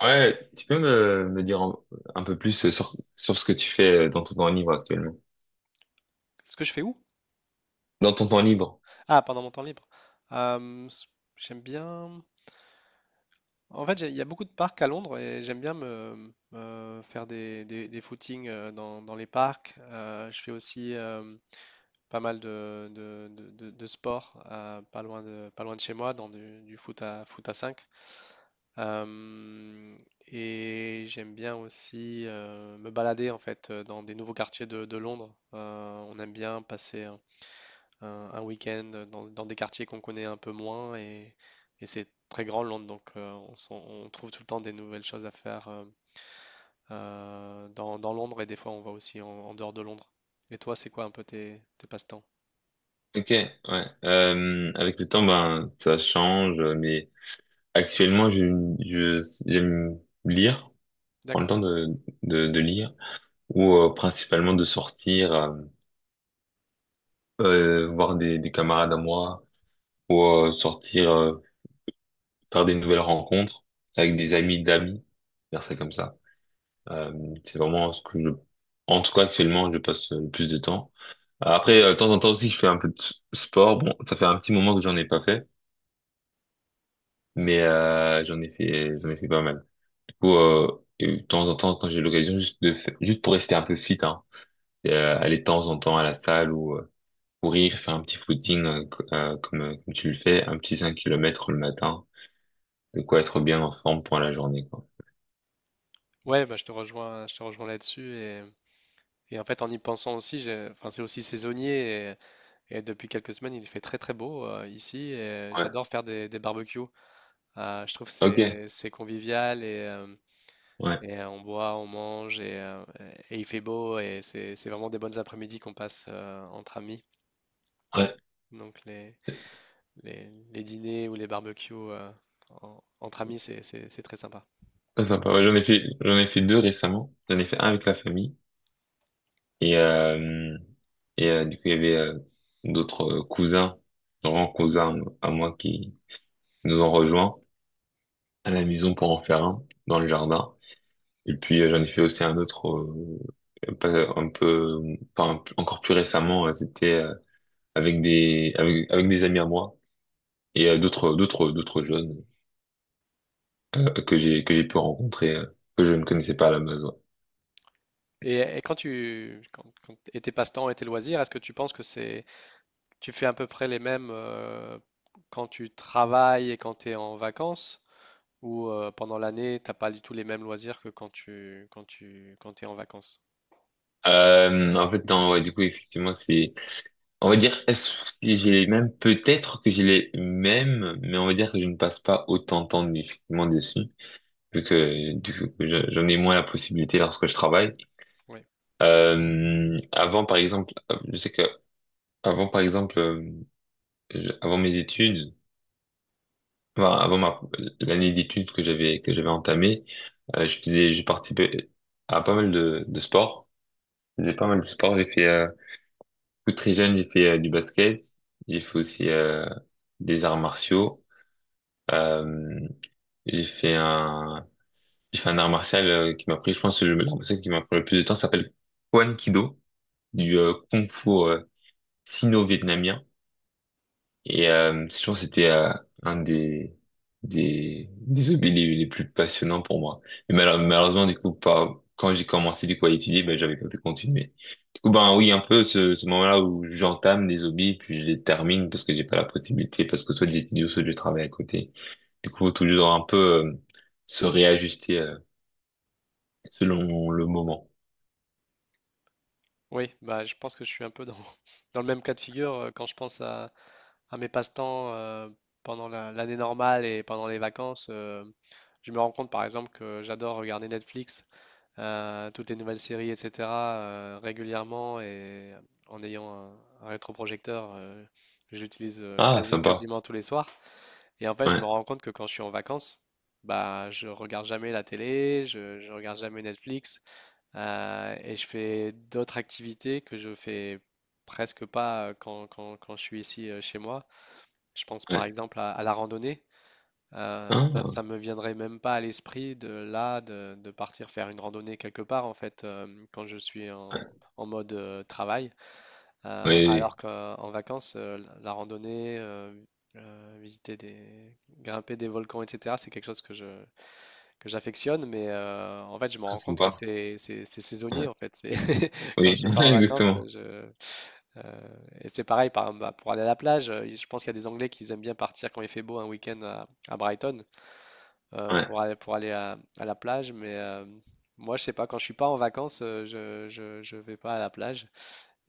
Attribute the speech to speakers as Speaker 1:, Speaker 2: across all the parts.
Speaker 1: Ouais, tu peux me dire un peu plus sur ce que tu fais dans ton temps libre actuellement.
Speaker 2: Ce que je fais où?
Speaker 1: Dans ton temps libre.
Speaker 2: Ah, pendant mon temps libre. Euh, s- J'aime bien. En fait, il y a beaucoup de parcs à Londres et j'aime bien me faire des footings dans les parcs. Je fais aussi pas mal de sport pas loin pas loin de chez moi, dans du foot à 5. Euh, et j'aime bien aussi me balader en fait dans des nouveaux quartiers de Londres. On aime bien passer un week-end dans des quartiers qu'on connaît un peu moins et c'est très grand Londres, donc on trouve tout le temps des nouvelles choses à faire dans Londres et des fois on va aussi en, en dehors de Londres. Et toi, c'est quoi un peu tes passe-temps?
Speaker 1: Ok, ouais. Avec le temps, ben, ça change, mais actuellement, j'aime lire, prendre le
Speaker 2: D'accord.
Speaker 1: temps de lire, ou principalement de sortir, voir des camarades à moi, ou sortir, faire des nouvelles rencontres avec des amis d'amis, faire ça comme ça. Euh, c'est vraiment ce que je, en tout cas, actuellement, je passe le plus de temps. Après, de temps en temps aussi, je fais un peu de sport. Bon, ça fait un petit moment que j'en ai pas fait, mais j'en ai fait pas mal. Du coup, et de temps en temps, quand j'ai l'occasion, juste pour rester un peu fit, hein, et, aller de temps en temps à la salle ou courir, faire un petit footing comme tu le fais, un petit 5 km le matin, de quoi être bien en forme pour la journée, quoi.
Speaker 2: Ouais, bah, je te rejoins là-dessus et en fait en y pensant aussi, enfin c'est aussi saisonnier et depuis quelques semaines il fait très très beau ici et
Speaker 1: Ouais,
Speaker 2: j'adore faire des barbecues. Je trouve que
Speaker 1: ok,
Speaker 2: c'est convivial
Speaker 1: ouais,
Speaker 2: et on boit, on mange et il fait beau et c'est vraiment des bonnes après-midi qu'on passe entre amis.
Speaker 1: ouais,
Speaker 2: Donc les, les dîners ou les barbecues entre amis, c'est très sympa.
Speaker 1: ça, sympa. Ouais, j'en ai fait deux récemment. J'en ai fait un avec la famille. Et, du coup, il y avait d'autres cousins, grands cousins à moi qui nous ont rejoints à la maison pour en faire un dans le jardin. Et puis, j'en ai fait aussi un autre, euh, pas- un peu, enfin, encore plus récemment, c'était avec des amis à moi et d'autres jeunes que j'ai pu rencontrer, que je ne connaissais pas à la base. Ouais.
Speaker 2: Et quand tu quand, quand- Et tes passe-temps et tes loisirs, est-ce que tu penses que c'est tu fais à peu près les mêmes quand tu travailles et quand tu es en vacances ou pendant l'année, t'as pas du tout les mêmes loisirs que quand tu es en vacances?
Speaker 1: En fait, non, ouais, du coup, effectivement, c'est, on va dire, est-ce que j'ai les mêmes? Peut-être que j'ai les mêmes, mais on va dire que je ne passe pas autant de temps, effectivement, dessus, vu que, du coup, j'en ai moins la possibilité lorsque je travaille.
Speaker 2: Oui.
Speaker 1: Avant, par exemple, je sais que, avant, par exemple, avant mes études, enfin, l'année d'études que j'avais entamée, je participais à pas mal de sports. J'ai pas mal de sports, j'ai fait, tout très jeune, j'ai fait du basket. J'ai fait aussi des arts martiaux. Euh, j'ai fait un, j'ai fait un art martial qui m'a pris, je pense, l'art martial qui m'a pris le plus de temps s'appelle Kwan Kido, du Kung Fu sino-vietnamien. Et je pense que c'était un des hobbies les plus passionnants pour moi. Mais malheureusement, du coup, pas, quand j'ai commencé du coup à étudier, ben, j'avais pas pu continuer. Du coup, ben oui, un peu ce moment-là où j'entame des hobbies, puis je les termine parce que j'ai pas la possibilité, parce que soit j'étudie ou soit je travaille à côté. Du coup, faut toujours un peu euh, se réajuster selon le moment.
Speaker 2: Oui, bah, je pense que je suis un peu dans, dans le même cas de figure quand je pense à mes passe-temps pendant l'année normale et pendant les vacances. Je me rends compte par exemple que j'adore regarder Netflix, toutes les nouvelles séries, etc. Régulièrement et en ayant un, un rétroprojecteur, je l'utilise
Speaker 1: Ah, sympa.
Speaker 2: quasiment tous les soirs. Et en fait, je me
Speaker 1: Ouais,
Speaker 2: rends compte que quand je suis en vacances, bah, je regarde jamais la télé, je regarde jamais Netflix. Et je fais d'autres activités que je fais presque pas quand je suis ici chez moi. Je pense par
Speaker 1: ouais.
Speaker 2: exemple à la randonnée. Ça,
Speaker 1: Ah,
Speaker 2: ça me viendrait même pas à l'esprit de là de partir faire une randonnée quelque part en fait quand je suis
Speaker 1: ouais.
Speaker 2: en mode travail.
Speaker 1: Oui, oui.
Speaker 2: Alors qu'en vacances, la randonnée, visiter des, grimper des volcans, etc. C'est quelque chose que j'affectionne, mais en fait, je me
Speaker 1: Ah,
Speaker 2: rends compte que
Speaker 1: sympa.
Speaker 2: c'est saisonnier,
Speaker 1: Ouais.
Speaker 2: en fait. C'est- Quand je
Speaker 1: Oui,
Speaker 2: suis pas en vacances,
Speaker 1: exactement.
Speaker 2: et c'est pareil, par exemple, bah, pour aller à la plage, je pense qu'il y a des Anglais qui aiment bien partir quand il fait beau un week-end à Brighton
Speaker 1: Ouais.
Speaker 2: pour aller à la plage, mais moi, je sais pas, quand je suis pas en vacances, je vais pas à la plage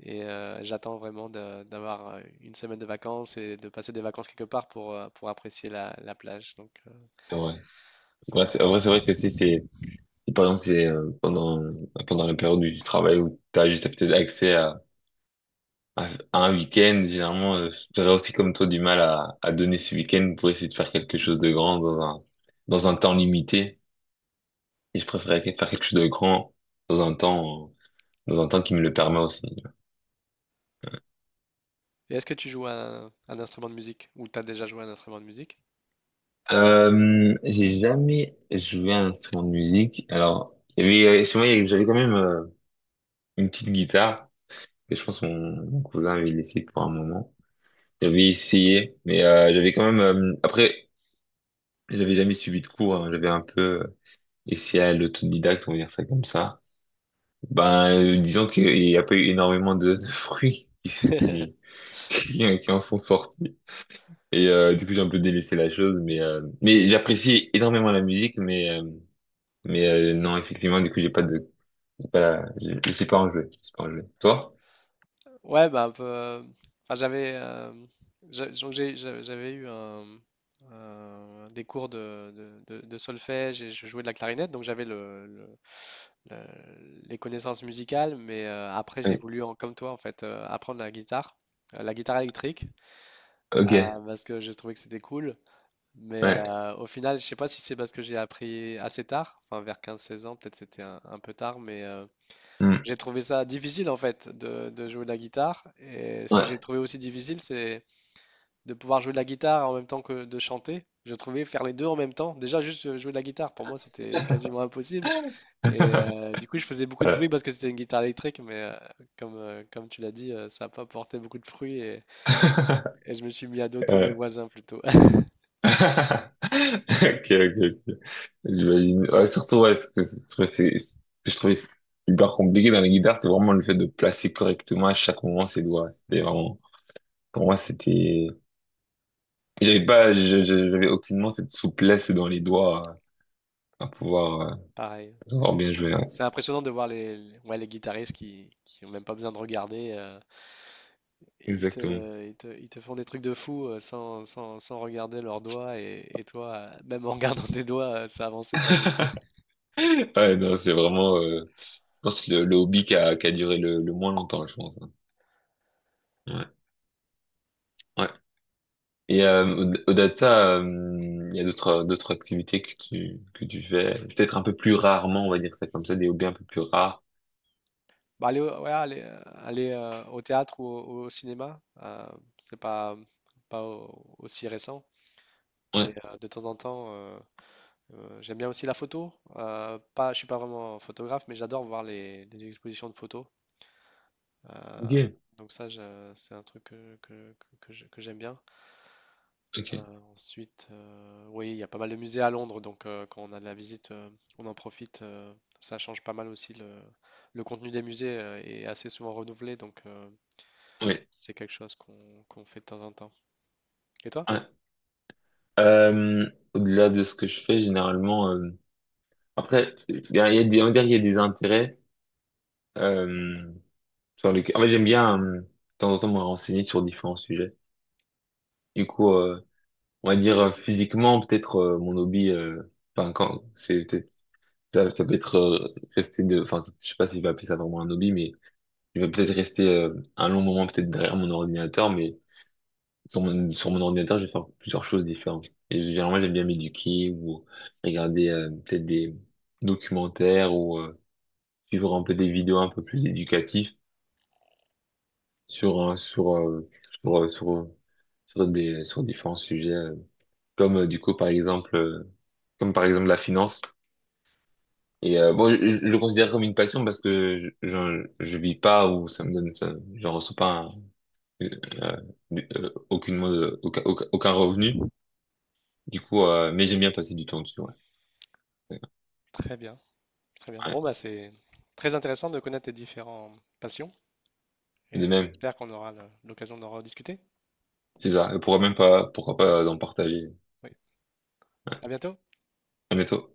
Speaker 2: et j'attends vraiment d'avoir une semaine de vacances et de passer des vacances quelque part pour apprécier la plage, donc c'est
Speaker 1: Ouais, c'est,
Speaker 2: marrant.
Speaker 1: en vrai, c'est vrai que si c'est, si par exemple c'est pendant la période du travail où t'as juste peut-être accès à, à un week-end, généralement, j'aurais aussi comme toi du mal à donner ce week-end pour essayer de faire quelque chose de grand dans un temps limité. Et je préférerais faire quelque chose de grand dans un temps dans un temps qui me le permet aussi.
Speaker 2: Et est-ce que tu joues un instrument de musique ou t'as déjà joué un instrument de musique?
Speaker 1: J'ai jamais joué à un instrument de musique. Alors, il y avait, chez moi, j'avais quand même une petite guitare que je pense mon cousin avait laissée pour un moment. J'avais essayé, mais j'avais quand même. Après, j'avais jamais suivi de cours. Hein. J'avais un peu essayé à l'autodidacte, on va dire ça comme ça. Ben, disons qu'il n'y a pas eu énormément de fruits qui, se- qui en sont sortis. Et du coup, j'ai un peu délaissé la chose, mais j'apprécie énormément la musique, non, effectivement, du coup, j'ai pas de, j'ai pas, je sais pas en jouer. Je sais pas en jouer. Toi?
Speaker 2: Ouais, bah un peu. Enfin, j'avais j'a- donc j'ai- j'a- j'avais eu des cours de solfège et je jouais de la clarinette, donc j'avais les connaissances musicales, mais après j'ai
Speaker 1: Oui.
Speaker 2: voulu, comme toi en fait, apprendre la guitare électrique,
Speaker 1: Ok.
Speaker 2: euh, parce que j'ai trouvé que c'était cool. Mais
Speaker 1: Ouais.
Speaker 2: au final, je sais pas si c'est parce que j'ai appris assez tard, enfin vers 15-16 ans, peut-être c'était un peu tard, mais
Speaker 1: Hmm.
Speaker 2: j'ai trouvé ça difficile en fait de jouer de la guitare. Et ce que j'ai
Speaker 1: Ouais.
Speaker 2: trouvé aussi difficile, c'est de pouvoir jouer de la guitare en même temps que de chanter. Je trouvais faire les deux en même temps. Déjà, juste jouer de la guitare, pour moi, c'était quasiment impossible. Et du coup, je faisais beaucoup de
Speaker 1: Ouais.
Speaker 2: bruit parce que c'était une guitare électrique, mais comme, comme tu l'as dit, ça n'a pas porté beaucoup de fruits et je me suis mis à dos tous mes voisins plutôt.
Speaker 1: Ok, ok, ok. J'imagine. Ouais, surtout, ouais, ce que je trouvais hyper compliqué dans les guitares c'est vraiment le fait de placer correctement à chaque moment ses doigts. C'était vraiment, pour moi, c'était, j'avais pas, j'avais aucunement cette souplesse dans les doigts à pouvoir,
Speaker 2: Pareil. Et
Speaker 1: pouvoir
Speaker 2: C'est
Speaker 1: bien jouer. Ouais.
Speaker 2: c'est impressionnant de voir ouais, les guitaristes qui ont même pas besoin de regarder. Ils
Speaker 1: Exactement.
Speaker 2: te, ils te font des trucs de fou sans regarder leurs doigts. Et toi, même en regardant tes doigts, ça avançait pas beaucoup.
Speaker 1: Ouais, non, c'est vraiment, je pense, le hobby qui a duré le moins longtemps, je pense. Hein. Ouais. Ouais. Et au, au data, il y a d'autres activités que tu fais, peut-être un peu plus rarement, on va dire ça comme ça, des hobbies un peu plus rares.
Speaker 2: Ouais, aller, aller, au théâtre ou au cinéma, c'est pas, aussi récent. Mais
Speaker 1: Ouais.
Speaker 2: de temps en temps, j'aime bien aussi la photo. Pas, je suis pas vraiment photographe, mais j'adore voir les expositions de photos. Euh,
Speaker 1: Ok.
Speaker 2: donc ça, c'est un truc que j'aime bien.
Speaker 1: Ok.
Speaker 2: Ensuite, oui, il y a pas mal de musées à Londres, donc quand on a de la visite, on en profite. Ça change pas mal aussi. Le contenu des musées est assez souvent renouvelé, donc
Speaker 1: Oui.
Speaker 2: c'est quelque chose qu'on fait de temps en temps. Et toi?
Speaker 1: Ouais. Euh, Au-delà de ce que je fais généralement, après, il y a des, on va dire, il y a des intérêts euh, sur lesquels, en fait, j'aime bien de temps en temps me renseigner sur différents sujets. Du coup, on va dire physiquement, peut-être mon hobby, enfin quand c'est peut-être ça, ça peut être rester de, enfin, je sais pas si je vais appeler ça vraiment un hobby, mais je vais peut-être rester un long moment peut-être derrière mon ordinateur, mais sur mon ordinateur, je vais faire plusieurs choses différentes. Et généralement, j'aime bien m'éduquer ou regarder peut-être des documentaires ou suivre un peu des vidéos un peu plus éducatives sur un- sur sur sur, sur des sur différents sujets, comme du coup par exemple comme par exemple la finance. Et bon, je le considère comme une passion parce que je vis pas ou ça me donne ça, j'en reçois pas un- euh, aucunement de- aucun, aucun, aucun revenu. Du coup, mais j'aime bien passer du temps dessus. Ouais.
Speaker 2: Très bien, très bien.
Speaker 1: Ouais.
Speaker 2: Bon, bah, c'est très intéressant de connaître tes différentes passions
Speaker 1: De
Speaker 2: et
Speaker 1: même,
Speaker 2: j'espère qu'on aura l'occasion d'en rediscuter.
Speaker 1: c'est ça. Et pourquoi même pas, pourquoi pas en partager.
Speaker 2: Oui, à bientôt.
Speaker 1: À bientôt.